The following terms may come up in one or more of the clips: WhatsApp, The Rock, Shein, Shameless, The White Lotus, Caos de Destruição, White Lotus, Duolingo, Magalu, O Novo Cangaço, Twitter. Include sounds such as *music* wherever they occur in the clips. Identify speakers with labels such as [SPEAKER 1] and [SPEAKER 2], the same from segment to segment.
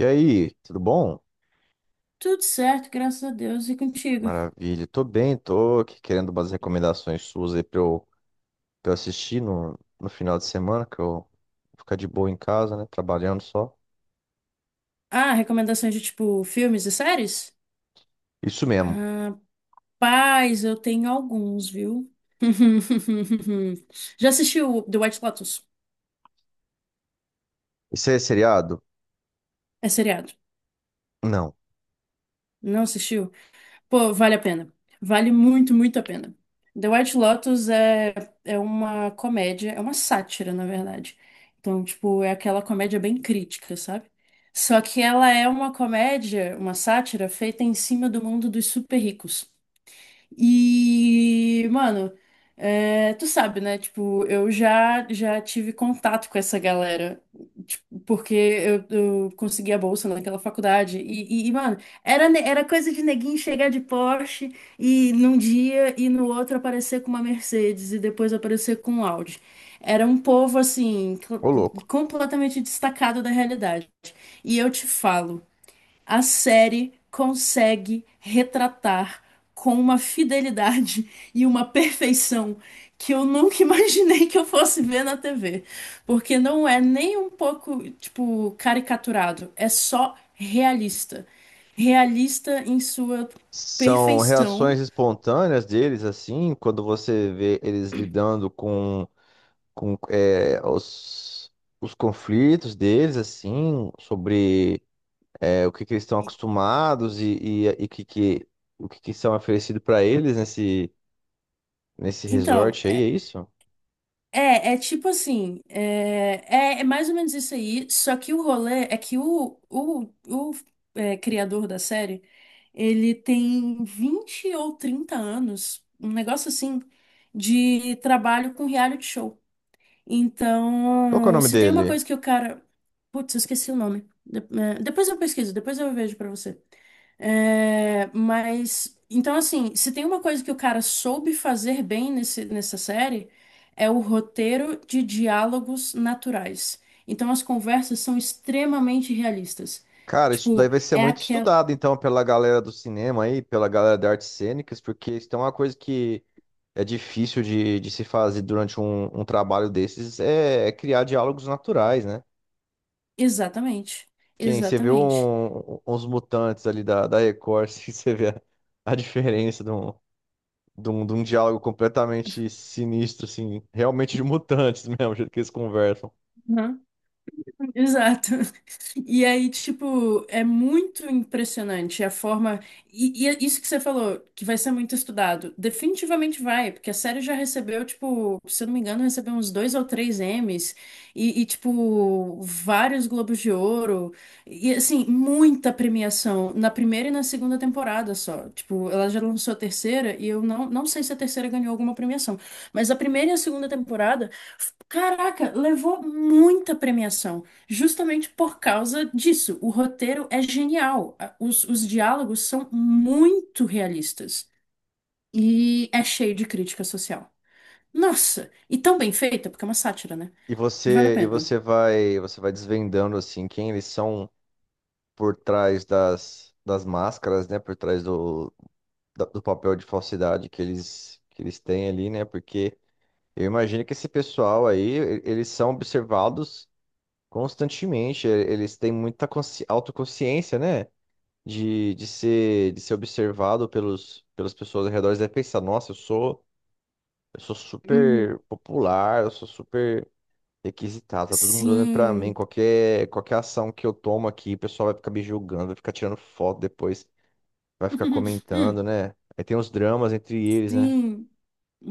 [SPEAKER 1] E aí, tudo bom?
[SPEAKER 2] Tudo certo, graças a Deus. E contigo?
[SPEAKER 1] Maravilha, tô bem, tô aqui querendo umas recomendações suas aí pra eu assistir no final de semana, que eu vou ficar de boa em casa, né? Trabalhando só.
[SPEAKER 2] Ah, recomendações de tipo filmes e séries?
[SPEAKER 1] Isso mesmo.
[SPEAKER 2] Rapaz, eu tenho alguns, viu? *laughs* Já assistiu The White Lotus?
[SPEAKER 1] Isso é seriado?
[SPEAKER 2] É seriado.
[SPEAKER 1] Não.
[SPEAKER 2] Não assistiu? Pô, vale a pena. Vale muito, muito a pena. The White Lotus é uma comédia, é uma sátira, na verdade. Então, tipo, é aquela comédia bem crítica, sabe? Só que ela é uma comédia, uma sátira feita em cima do mundo dos super ricos. E, mano, tu sabe, né? Tipo, eu já tive contato com essa galera, tipo, porque eu consegui a bolsa naquela faculdade. E, mano, era coisa de neguinho chegar de Porsche e num dia e no outro aparecer com uma Mercedes e depois aparecer com um Audi. Era um povo, assim,
[SPEAKER 1] Ô, louco.
[SPEAKER 2] completamente destacado da realidade. E eu te falo a série consegue retratar com uma fidelidade *laughs* e uma perfeição que eu nunca *laughs* imaginei que eu fosse ver na TV. Porque não é nem um pouco, tipo, caricaturado, é só realista. Realista em sua
[SPEAKER 1] São
[SPEAKER 2] perfeição.
[SPEAKER 1] reações espontâneas deles, assim, quando você vê eles lidando com, com os conflitos deles, assim, sobre o que eles estão
[SPEAKER 2] E-
[SPEAKER 1] acostumados e o que, que são oferecido para eles nesse
[SPEAKER 2] Então,
[SPEAKER 1] resort aí, é isso?
[SPEAKER 2] É tipo assim, é mais ou menos isso aí, só que o rolê é que o criador da série, ele tem 20 ou 30 anos, um negócio assim, de trabalho com reality show.
[SPEAKER 1] Qual que é o
[SPEAKER 2] Então,
[SPEAKER 1] nome
[SPEAKER 2] se tem uma
[SPEAKER 1] dele?
[SPEAKER 2] coisa que o cara. Putz, eu esqueci o nome. Depois eu pesquiso, depois eu vejo pra você. É, mas, então, assim, se tem uma coisa que o cara soube fazer bem nessa série, é o roteiro de diálogos naturais. Então, as conversas são extremamente realistas.
[SPEAKER 1] Cara, isso daí
[SPEAKER 2] Tipo,
[SPEAKER 1] vai ser
[SPEAKER 2] é
[SPEAKER 1] muito
[SPEAKER 2] aquela.
[SPEAKER 1] estudado, então, pela galera do cinema aí, pela galera de artes cênicas, porque isso é uma coisa que é difícil de se fazer durante um trabalho desses, é, é criar diálogos naturais, né?
[SPEAKER 2] Exatamente.
[SPEAKER 1] Que nem você vê
[SPEAKER 2] Exatamente.
[SPEAKER 1] uns mutantes ali da Record, *laughs* assim, você vê a diferença de um diálogo completamente sinistro, assim, realmente de mutantes *laughs* mesmo, o jeito que eles conversam.
[SPEAKER 2] Uhum. Exato. *laughs* E aí, tipo, é muito impressionante a forma. E é isso que você falou, que vai ser muito estudado. Definitivamente vai, porque a série já recebeu, tipo, se eu não me engano, recebeu uns dois ou três Emmys e, tipo, vários Globos de Ouro. E, assim, muita premiação na primeira e na segunda temporada só. Tipo, ela já lançou a terceira e eu não sei se a terceira ganhou alguma premiação, mas a primeira e a segunda temporada, caraca, levou muita premiação. Justamente por causa disso, o roteiro é genial. Os diálogos são muito realistas e é cheio de crítica social. Nossa, e tão bem feita, porque é uma sátira, né? Vale a
[SPEAKER 1] E
[SPEAKER 2] pena.
[SPEAKER 1] você vai desvendando assim quem eles são por trás das máscaras, né, por trás do papel de falsidade que eles têm ali, né? Porque eu imagino que esse pessoal aí, eles são observados constantemente, eles têm muita autoconsciência, né? De ser de ser observado pelos pelas pessoas ao redor. Eles devem pensar, nossa, Eu sou
[SPEAKER 2] Uhum.
[SPEAKER 1] super popular, eu sou super requisitado, tá todo mundo olhando pra mim.
[SPEAKER 2] Sim.
[SPEAKER 1] Qualquer ação que eu tomo aqui, o pessoal vai ficar me julgando, vai ficar tirando foto depois, vai ficar
[SPEAKER 2] *laughs*
[SPEAKER 1] comentando,
[SPEAKER 2] Hum,
[SPEAKER 1] né? Aí tem os dramas entre eles, né?
[SPEAKER 2] sim.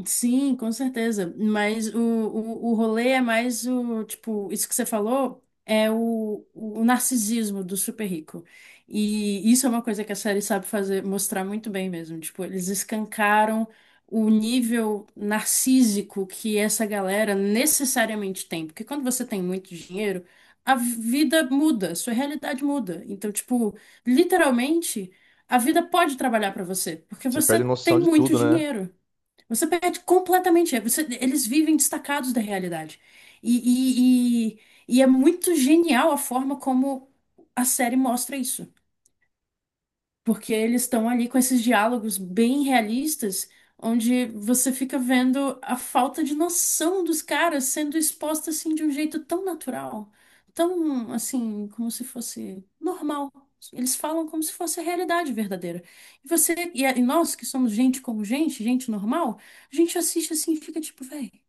[SPEAKER 2] Sim, com certeza. Mas o rolê é mais tipo, isso que você falou é o narcisismo do super rico. E isso é uma coisa que a série sabe fazer, mostrar muito bem mesmo. Tipo, eles escancaram o nível narcísico que essa galera necessariamente tem. Porque quando você tem muito dinheiro, a vida muda, sua realidade muda. Então, tipo, literalmente, a vida pode trabalhar para você, porque
[SPEAKER 1] Você
[SPEAKER 2] você
[SPEAKER 1] perde noção
[SPEAKER 2] tem
[SPEAKER 1] de
[SPEAKER 2] muito
[SPEAKER 1] tudo, né?
[SPEAKER 2] dinheiro. Você perde completamente. Eles vivem destacados da realidade. E, e, e, e é muito genial a forma como a série mostra isso porque eles estão ali com esses diálogos bem realistas, onde você fica vendo a falta de noção dos caras sendo exposta assim de um jeito tão natural, tão assim, como se fosse normal. Eles falam como se fosse a realidade verdadeira. E nós que somos gente como gente, gente normal, a gente assiste assim e fica tipo, véi, o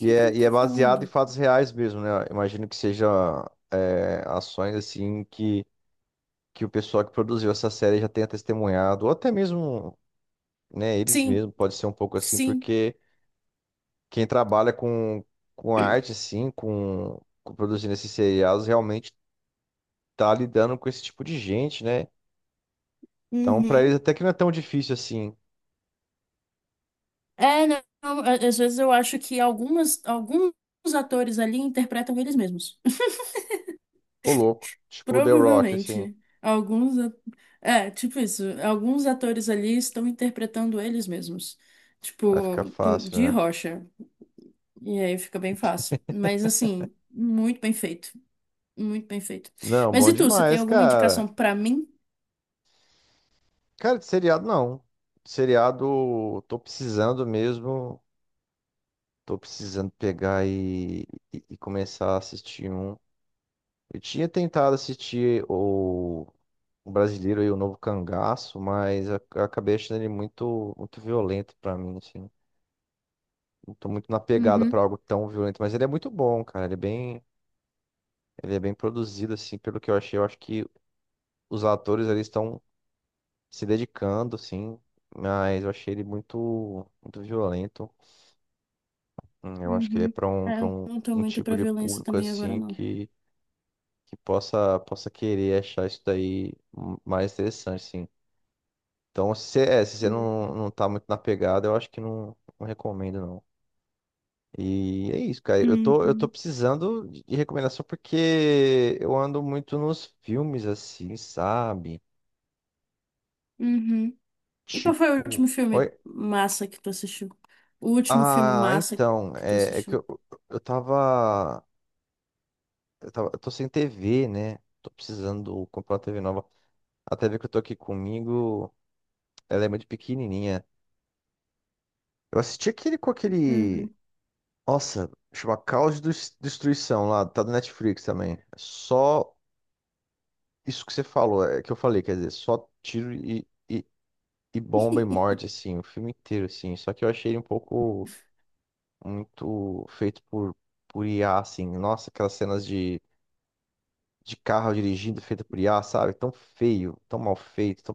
[SPEAKER 1] E
[SPEAKER 2] que
[SPEAKER 1] é,
[SPEAKER 2] ele
[SPEAKER 1] e é
[SPEAKER 2] tá
[SPEAKER 1] baseado em
[SPEAKER 2] falando?
[SPEAKER 1] fatos reais mesmo, né? Imagino que seja ações assim que o pessoal que produziu essa série já tenha testemunhado, ou até mesmo, né, eles
[SPEAKER 2] Sim,
[SPEAKER 1] mesmos, pode ser um pouco assim,
[SPEAKER 2] sim.
[SPEAKER 1] porque quem trabalha com arte, assim, com produzindo esses seriados, realmente tá lidando com esse tipo de gente, né? Então, pra eles
[SPEAKER 2] Uhum.
[SPEAKER 1] até que não é tão difícil assim.
[SPEAKER 2] Não, não, às vezes eu acho que alguns atores ali interpretam eles mesmos. *laughs*
[SPEAKER 1] Ô, louco. Tipo o The Rock, assim.
[SPEAKER 2] Provavelmente. Alguns. É, tipo isso. Alguns atores ali estão interpretando eles mesmos.
[SPEAKER 1] Vai ficar
[SPEAKER 2] Tipo,
[SPEAKER 1] fácil,
[SPEAKER 2] de
[SPEAKER 1] né?
[SPEAKER 2] rocha. E aí fica bem fácil. Mas, assim, muito bem feito. Muito bem feito.
[SPEAKER 1] Não,
[SPEAKER 2] Mas
[SPEAKER 1] bom
[SPEAKER 2] e tu, você tem
[SPEAKER 1] demais,
[SPEAKER 2] alguma
[SPEAKER 1] cara.
[SPEAKER 2] indicação pra mim?
[SPEAKER 1] Cara, de seriado não. De seriado, tô precisando mesmo. Tô precisando pegar e começar a assistir um. Eu tinha tentado assistir o brasileiro aí, o novo cangaço, mas a eu acabei achando ele muito, muito violento pra mim, assim. Não tô muito na pegada
[SPEAKER 2] Uhum,
[SPEAKER 1] pra algo tão violento, mas ele é muito bom, cara. Ele é bem produzido, assim, pelo que eu achei. Eu acho que os atores ali estão se dedicando, assim, mas eu achei ele muito, muito violento. Eu acho que ele é
[SPEAKER 2] uhum.
[SPEAKER 1] pra
[SPEAKER 2] É,
[SPEAKER 1] para
[SPEAKER 2] eu não tô
[SPEAKER 1] um
[SPEAKER 2] muito
[SPEAKER 1] tipo
[SPEAKER 2] pra
[SPEAKER 1] de
[SPEAKER 2] violência
[SPEAKER 1] público,
[SPEAKER 2] também agora,
[SPEAKER 1] assim,
[SPEAKER 2] não.
[SPEAKER 1] que possa, possa querer achar isso daí, mais interessante, assim. Então, se você, é, se você
[SPEAKER 2] Uhum,
[SPEAKER 1] não, não tá muito na pegada, eu acho que não, não recomendo, não. E é isso, cara. Eu tô precisando de recomendação porque eu ando muito nos filmes, assim, sabe?
[SPEAKER 2] uhum. E qual foi o
[SPEAKER 1] Tipo.
[SPEAKER 2] último
[SPEAKER 1] Oi?
[SPEAKER 2] filme massa que tu assistiu? O último filme
[SPEAKER 1] Ah,
[SPEAKER 2] massa
[SPEAKER 1] então.
[SPEAKER 2] que tu
[SPEAKER 1] É, é que
[SPEAKER 2] assistiu?
[SPEAKER 1] eu tava. Eu tava. Eu tô sem TV, né? Tô precisando comprar uma TV nova. A TV que eu tô aqui comigo, ela é muito pequenininha. Eu assisti aquele com aquele.
[SPEAKER 2] Uhum.
[SPEAKER 1] Nossa, chama Caos de Destruição lá, tá do Netflix também. É só isso que você falou, é que eu falei, quer dizer, só tiro e bomba e
[SPEAKER 2] *laughs*
[SPEAKER 1] morte, assim, o filme inteiro, assim. Só que eu achei ele um pouco muito feito por IA, assim. Nossa, aquelas cenas de carro dirigindo feita por IA, sabe? Tão feio, tão mal feito, tão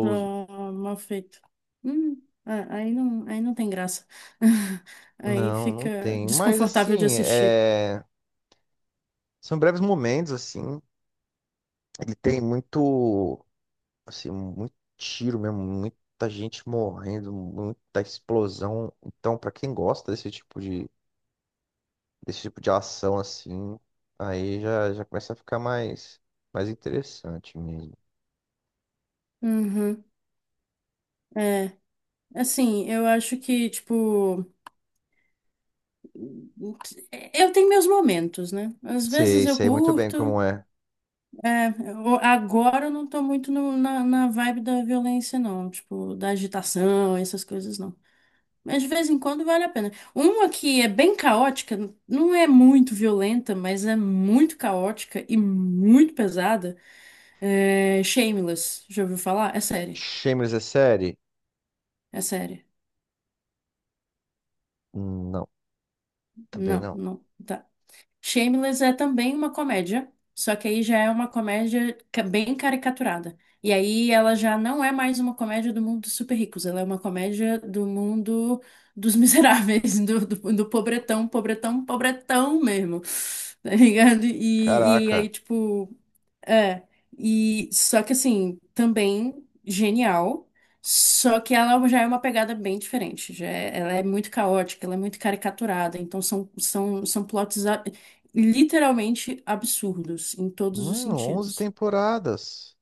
[SPEAKER 2] Tá mal feito. Ah, aí não tem graça. *laughs* Aí
[SPEAKER 1] Não, não
[SPEAKER 2] fica
[SPEAKER 1] tem. Mas,
[SPEAKER 2] desconfortável de
[SPEAKER 1] assim,
[SPEAKER 2] assistir.
[SPEAKER 1] é, são breves momentos, assim. Ele tem muito, assim, muito tiro mesmo, muita gente morrendo, muita explosão. Então, pra quem gosta desse tipo de ação, assim, aí já, já começa a ficar mais interessante mesmo.
[SPEAKER 2] Uhum. É, assim, eu acho que, tipo, eu tenho meus momentos, né? Às
[SPEAKER 1] Sei,
[SPEAKER 2] vezes eu
[SPEAKER 1] sei muito bem
[SPEAKER 2] curto,
[SPEAKER 1] como é.
[SPEAKER 2] agora eu não tô muito na vibe da violência, não, tipo, da agitação, essas coisas, não. Mas de vez em quando vale a pena. Uma que é bem caótica, não é muito violenta, mas é muito caótica e muito pesada, é Shameless. Já ouviu falar? É série.
[SPEAKER 1] Shameless é série?
[SPEAKER 2] É série.
[SPEAKER 1] Não, também
[SPEAKER 2] Não,
[SPEAKER 1] não.
[SPEAKER 2] não. Tá. Shameless é também uma comédia, só que aí já é uma comédia bem caricaturada. E aí ela já não é mais uma comédia do mundo dos super ricos, ela é uma comédia do mundo dos miseráveis, *laughs* do pobretão, pobretão, pobretão mesmo. Tá ligado? E aí,
[SPEAKER 1] Caraca,
[SPEAKER 2] tipo. É, e só que assim, também genial, só que ela já é uma pegada bem diferente, ela é muito caótica, ela é muito caricaturada, então são plots literalmente absurdos em todos os
[SPEAKER 1] mano, 11
[SPEAKER 2] sentidos.
[SPEAKER 1] temporadas.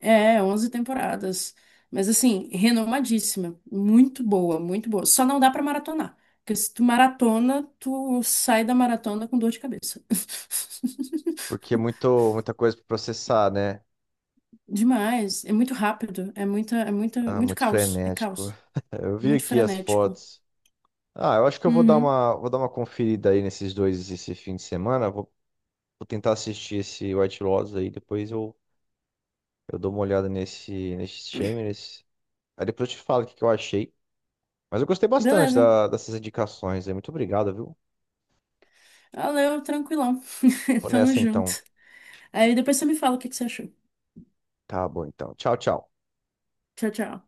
[SPEAKER 2] É, 11 temporadas, mas assim, renomadíssima, muito boa, só não dá pra maratonar, porque se tu maratona, tu sai da maratona com dor de cabeça. *laughs*
[SPEAKER 1] Porque é muito, muita coisa pra processar, né?
[SPEAKER 2] Demais. É muito rápido. É
[SPEAKER 1] Ah,
[SPEAKER 2] muito
[SPEAKER 1] muito
[SPEAKER 2] caos. É
[SPEAKER 1] frenético.
[SPEAKER 2] caos.
[SPEAKER 1] *laughs* Eu vi
[SPEAKER 2] Muito
[SPEAKER 1] aqui as
[SPEAKER 2] frenético.
[SPEAKER 1] fotos. Ah, eu acho que eu
[SPEAKER 2] Uhum.
[SPEAKER 1] vou dar uma conferida aí nesses dois esse fim de semana. Vou tentar assistir esse White Lotus aí, depois eu dou uma olhada nesse, nesse Shameless. Aí depois eu te falo o que, que eu achei. Mas eu gostei bastante
[SPEAKER 2] Beleza.
[SPEAKER 1] dessas indicações aí. Muito obrigado, viu?
[SPEAKER 2] Valeu, tranquilão. *laughs*
[SPEAKER 1] Vou
[SPEAKER 2] Tamo
[SPEAKER 1] nessa então.
[SPEAKER 2] junto. Aí depois você me fala o que que você achou.
[SPEAKER 1] Tá bom então. Tchau, tchau.
[SPEAKER 2] Tchau, tchau.